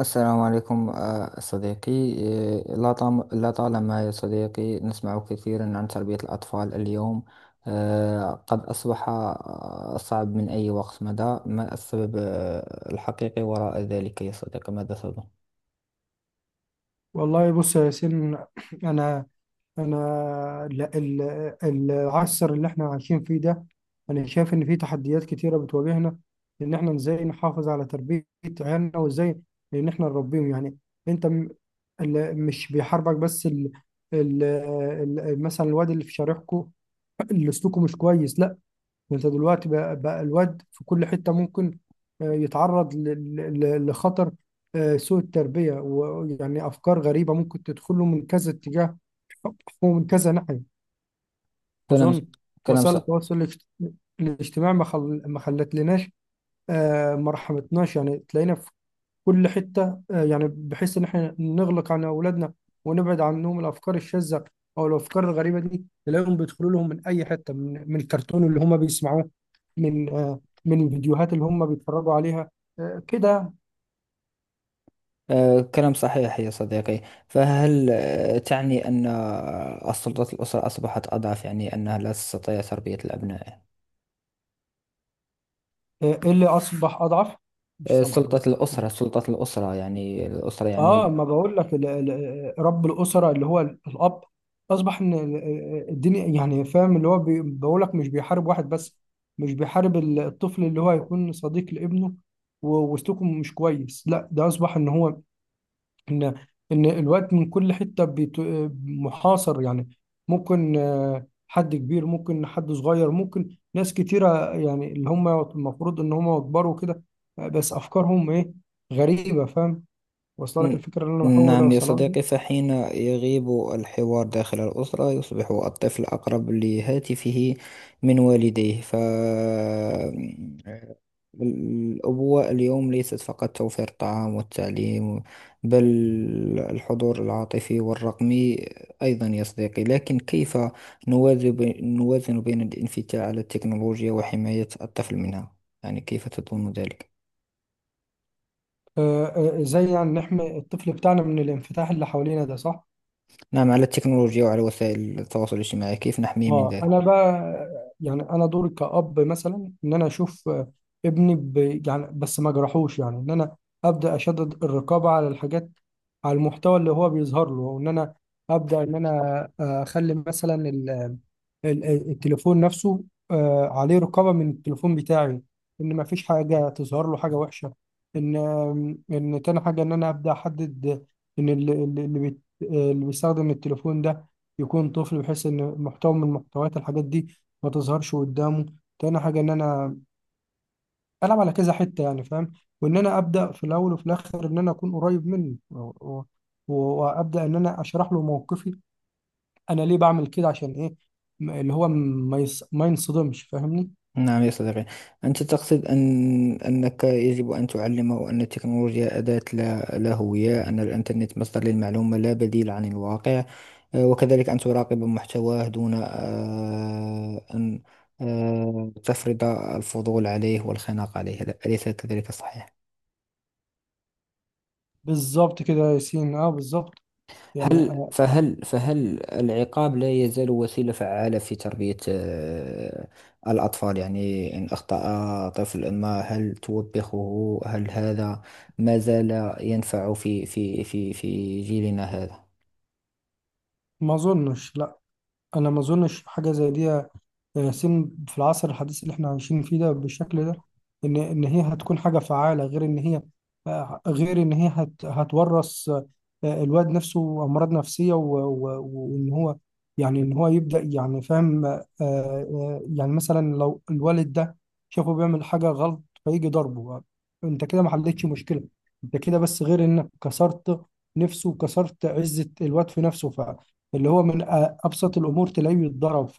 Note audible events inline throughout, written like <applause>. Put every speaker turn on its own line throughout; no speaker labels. السلام عليكم، صديقي. لا طالما يا صديقي نسمع كثيرا عن تربية الأطفال اليوم. قد أصبح صعب من أي وقت مضى. ما السبب الحقيقي وراء ذلك يا صديقي؟ ماذا تظن؟
والله بص يا ياسين. انا انا العصر اللي احنا عايشين فيه ده، انا شايف ان فيه تحديات كتيره بتواجهنا، ان احنا ازاي نحافظ على تربيه عيالنا، وازاي ان احنا نربيهم، يعني. انت م- مش بيحاربك بس ال مثلا الواد اللي في شارعكو اللي سلوكه مش كويس، لا، انت دلوقتي بقى، بقى الواد في كل حتة ممكن يتعرض لخطر سوء التربية، ويعني أفكار غريبة ممكن تدخله من كذا اتجاه ومن كذا ناحية،
كلام
أظن.
كلام ص...
وسائل التواصل الاجتماعي ما خلتلناش، ما رحمتناش، يعني تلاقينا في كل حتة، يعني بحيث إن إحنا نغلق عن أولادنا ونبعد عنهم الأفكار الشاذة أو الأفكار الغريبة دي، تلاقيهم بيدخلوا لهم من أي حتة، من الكرتون اللي هما بيسمعوه، من من الفيديوهات اللي هم بيتفرجوا عليها، كده.
آه، كلام صحيح يا صديقي. فهل تعني أن السلطة الأسرة أصبحت أضعف؟ يعني أنها لا تستطيع تربية الأبناء؟
اللي أصبح أضعف، مش سامعك
سلطة
بس.
الأسرة، سلطة الأسرة، يعني الأسرة،
اه،
يعني
ما بقول لك رب الأسرة اللي هو الأب، أصبح إن الدنيا يعني، فاهم، اللي هو بقول لك مش بيحارب واحد بس، مش بيحارب الطفل اللي هو هيكون صديق لابنه وسلوكه مش كويس، لا، ده أصبح إن هو ان ان الوقت من كل حته محاصر، يعني ممكن حد كبير، ممكن حد صغير، ممكن ناس كتيره، يعني اللي هم المفروض ان هم يكبروا كده، بس افكارهم ايه؟ غريبه، فاهم؟ واصله لك
ن-
الفكره اللي انا بحاول
نعم يا
اوصلها لك؟
صديقي. فحين يغيب الحوار داخل الأسرة يصبح الطفل أقرب لهاتفه من والديه، فالأبوة اليوم ليست فقط توفير الطعام والتعليم، بل الحضور العاطفي والرقمي أيضا، يا صديقي. لكن كيف نوازن بين الانفتاح على التكنولوجيا وحماية الطفل منها؟ يعني كيف تظن ذلك؟
آه، زي يعني نحمي الطفل بتاعنا من الانفتاح اللي حوالينا ده، صح.
نعم، على التكنولوجيا وعلى وسائل التواصل الاجتماعي، كيف نحميه من
اه،
ذلك؟
انا بقى، يعني انا دوري كأب مثلا ان انا اشوف ابني ب... يعني بس ما جرحوش، يعني ان انا ابدا اشدد الرقابه على الحاجات، على المحتوى اللي هو بيظهر له، وان انا ابدا ان انا اخلي مثلا التليفون نفسه عليه رقابة من التليفون بتاعي، إن ما فيش حاجة تظهر له حاجة وحشة. إن إن تاني حاجة، إن أنا أبدأ أحدد إن اللي اللي بيستخدم التليفون ده يكون طفل، بحيث إن محتوى من محتويات الحاجات دي ما تظهرش قدامه. تاني حاجة إن أنا ألعب على كذا حتة، يعني، فاهم؟ وإن أنا أبدأ في الأول وفي الآخر إن أنا أكون قريب منه و- وأبدأ إن أنا أشرح له موقفي، انا ليه بعمل كده؟ عشان ايه؟ اللي هو ما ينصدمش، فاهمني؟
نعم يا صديقي، أنت تقصد أنك يجب أن تعلمه أن التكنولوجيا أداة، لا هوية، أن الإنترنت مصدر للمعلومة لا بديل عن الواقع، وكذلك أن تراقب محتواه دون أن تفرض الفضول عليه والخناق عليه، أليس كذلك؟ صحيح؟
بالظبط كده يا ياسين، اه بالظبط، يعني
هل
آه،.
فهل فهل العقاب لا يزال وسيلة فعالة في تربية الأطفال؟ يعني إن أخطأ طفل ما، هل توبخه؟ هل هذا ما زال ينفع في جيلنا هذا؟
ما اظنش، لا، انا ما اظنش حاجه زي دي ياسين في العصر الحديث اللي احنا عايشين فيه ده بالشكل ده، ان هي هتكون حاجه فعاله، غير ان هي غير ان هي هتورث الواد نفسه امراض نفسيه، وان هو يعني ان هو يبدا، يعني فاهم. يعني مثلا لو الوالد ده شافه بيعمل حاجه غلط فيجي ضربه، انت كده ما حلتش مشكله، انت كده بس غير انك كسرت نفسه وكسرت عزه الواد في نفسه، فاللي هو من ابسط الامور تلاقيه يتضرب.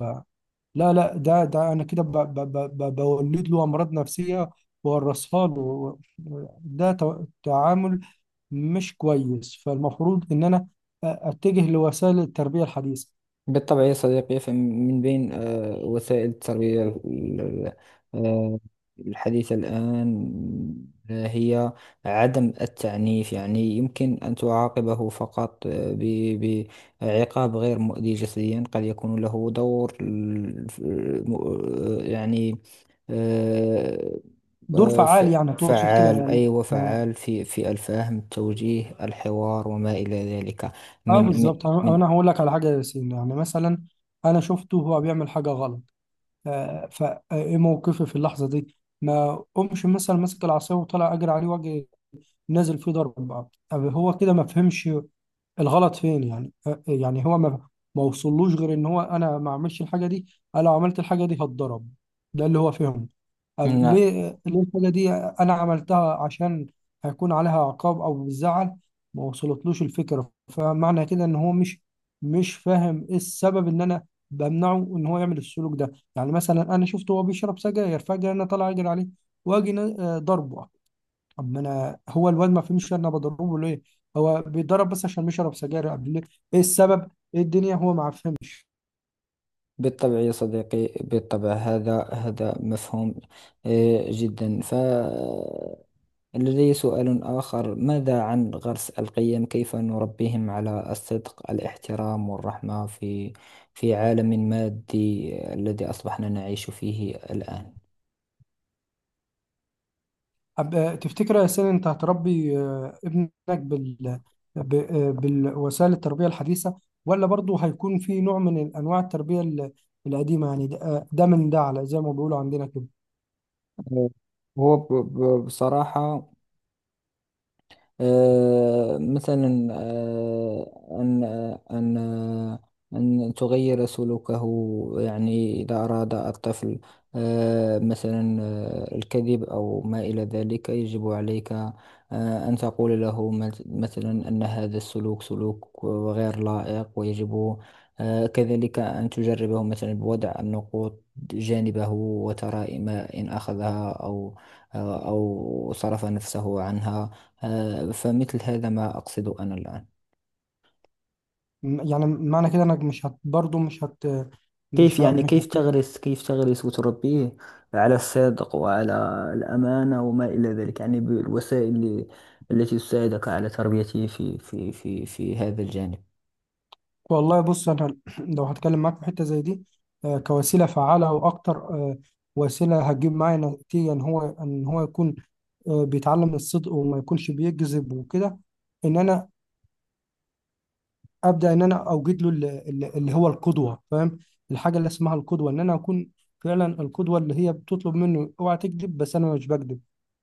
لا لا، ده انا كده بولد له امراض نفسيه وورثها له، و- ده تعامل مش كويس، فالمفروض ان انا اتجه لوسائل التربيه الحديثه.
بالطبع يا صديقي. فمن بين وسائل التربية آه، الحديثة الآن هي عدم التعنيف. يعني يمكن أن تعاقبه فقط بعقاب غير مؤذي جسديا قد يكون له دور يعني آه،
دور
آه، ف-
فعال يعني، تقصد كده
فعال.
يعني؟
أيوة،
اه.
فعال في في الفهم التوجيه، الحوار، وما إلى ذلك. من من
بالظبط.
من
أنا هقول لك على حاجه يا ياسين، يعني مثلا انا شفته وهو بيعمل حاجه غلط، فايه موقفي في اللحظه دي؟ ما قومش مثلا ماسك العصايه وطلع اجري عليه واجي نازل فيه ضرب؟ هو كده ما فهمش الغلط فين، يعني يعني هو ما وصلوش غير ان هو انا ما اعملش الحاجه دي، انا لو عملت الحاجه دي هتضرب، ده اللي هو فهمه. طب
نعم.
ليه؟ ليه الحاجه دي انا عملتها عشان هيكون عليها عقاب او بالزعل؟ ما وصلتلوش الفكره، فمعنى كده ان هو مش فاهم ايه السبب ان انا بمنعه ان هو يعمل السلوك ده. يعني مثلا انا شفته وهو بيشرب سجاير فجاه انا طالع اجري عليه واجي ضربه، طب ما انا هو الواد ما فهمش انا بضربه ليه، هو بيتضرب بس عشان بيشرب سجاير، قبل ليه؟ ايه السبب؟ ايه الدنيا؟ هو ما فهمش.
بالطبع يا صديقي، بالطبع. هذا مفهوم جدا. فلدي سؤال آخر: ماذا عن غرس القيم؟ كيف نربيهم على الصدق، الاحترام، والرحمة في عالم مادي الذي أصبحنا نعيش فيه الآن؟
تفتكر يا سيدي انت هتربي ابنك بال بالوسائل التربيه الحديثه، ولا برضه هيكون في نوع من انواع التربيه القديمه، يعني ده ده من ده، على زي ما بيقولوا عندنا كده؟
هو بصراحة مثلا، أن تغير سلوكه. يعني إذا أراد الطفل مثلا الكذب أو ما إلى ذلك، يجب عليك أن تقول له مثلا أن هذا السلوك سلوك غير لائق، ويجب كذلك أن تجربه مثلا بوضع النقود جانبه وترى ما إن أخذها أو أو صرف نفسه عنها. فمثل هذا ما أقصده أنا الآن.
يعني معنى كده انك مش هت، برضه مش هت،
كيف يعني؟
مش
كيف
هت.
تغرس كيف تغرس وتربيه على الصدق وعلى الأمانة وما إلى ذلك، يعني بالوسائل التي تساعدك على تربيته في هذا الجانب.
والله بص، انا <clears throat> لو هتكلم معاك في حته زي دي، كوسيله فعاله واكتر وسيله هتجيب معايا نتيجه ان هو، ان هو يكون بيتعلم الصدق وما يكونش بيكذب وكده، ان انا ابدا ان انا اوجد له اللي هو القدوه، فاهم؟ الحاجه اللي اسمها القدوه، ان انا اكون فعلا القدوه اللي هي بتطلب منه اوعى تكذب بس انا مش بكذب،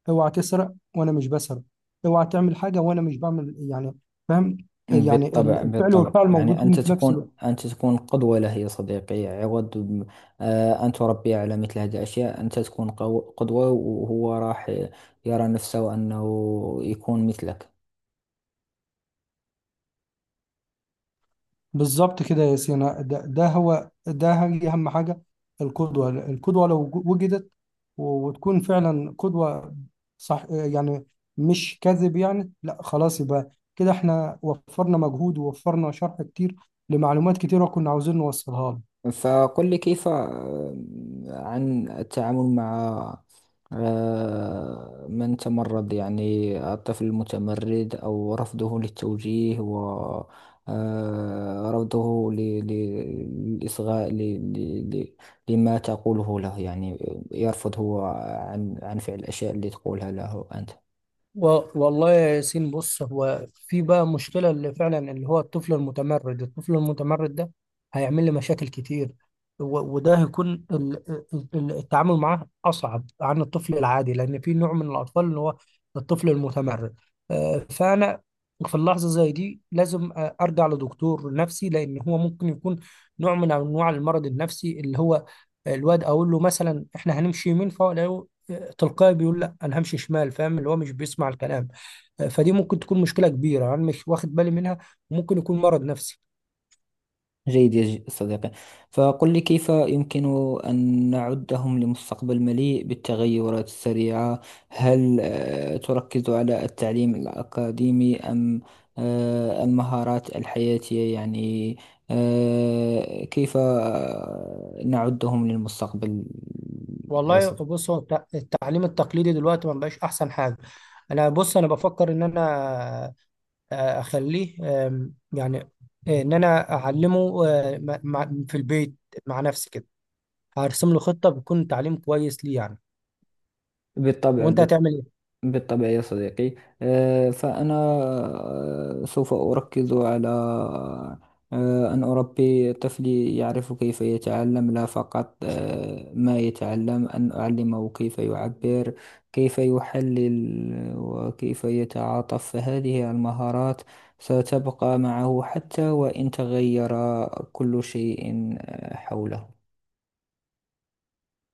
اوعى تسرق وانا مش بسرق، اوعى تعمل حاجه وانا مش بعمل، يعني فاهم؟ يعني
بالطبع،
الفعل
بالطبع،
والفعل
يعني
موجودين
أنت
في نفس
تكون
الوقت.
أنت تكون قدوة له يا صديقي، عوض أن تربيه على مثل هذه الأشياء. أنت تكون قدوة، وهو راح يرى نفسه أنه يكون مثلك.
بالظبط كده يا سينا، ده هو، ده هي أهم حاجة، القدوة. القدوة لو وجدت وتكون فعلا قدوة، صح يعني، مش كذب، يعني لا، خلاص، يبقى كده احنا وفرنا مجهود ووفرنا شرح كتير لمعلومات كتيرة كنا عاوزين نوصلها له.
فقل لي كيف عن التعامل مع من تمرد، يعني الطفل المتمرد أو رفضه للتوجيه، و رفضه للإصغاء، لما تقوله له، يعني يرفض هو عن فعل الأشياء اللي تقولها له أنت.
والله يا ياسين، بص، هو في بقى مشكلة اللي فعلا اللي هو الطفل المتمرد. الطفل المتمرد ده هيعمل لي مشاكل كتير، وده هيكون التعامل معاه أصعب عن الطفل العادي، لأن في نوع من الأطفال اللي هو الطفل المتمرد، فأنا في اللحظة زي دي لازم أرجع لدكتور نفسي، لأن هو ممكن يكون نوع من أنواع المرض النفسي، اللي هو الواد أقول له مثلا إحنا هنمشي يمين فهو تلقائي بيقول لا، انا همشي شمال، فاهم؟ اللي هو مش بيسمع الكلام، فدي ممكن تكون مشكله كبيره انا مش واخد بالي منها، وممكن يكون مرض نفسي.
جيد يا صديقي. فقل لي كيف يمكن أن نعدهم لمستقبل مليء بالتغيرات السريعة؟ هل تركز على التعليم الأكاديمي، أم المهارات الحياتية؟ يعني كيف نعدهم للمستقبل يا
والله
صديقي؟
بص، هو التعليم التقليدي دلوقتي ما بقاش احسن حاجه. انا بص، انا بفكر ان انا اخليه يعني ان انا اعلمه في البيت مع نفسي كده، هرسم له خطه بتكون تعليم كويس ليه، يعني.
بالطبع،
وانت
بالطبع،
هتعمل ايه؟
بالطبع يا صديقي. فأنا سوف أركز على أن أربي طفلي يعرف كيف يتعلم، لا فقط ما يتعلم، أن أعلمه كيف يعبر، كيف يحلل، وكيف يتعاطف، فهذه المهارات ستبقى معه حتى وإن تغير كل شيء حوله.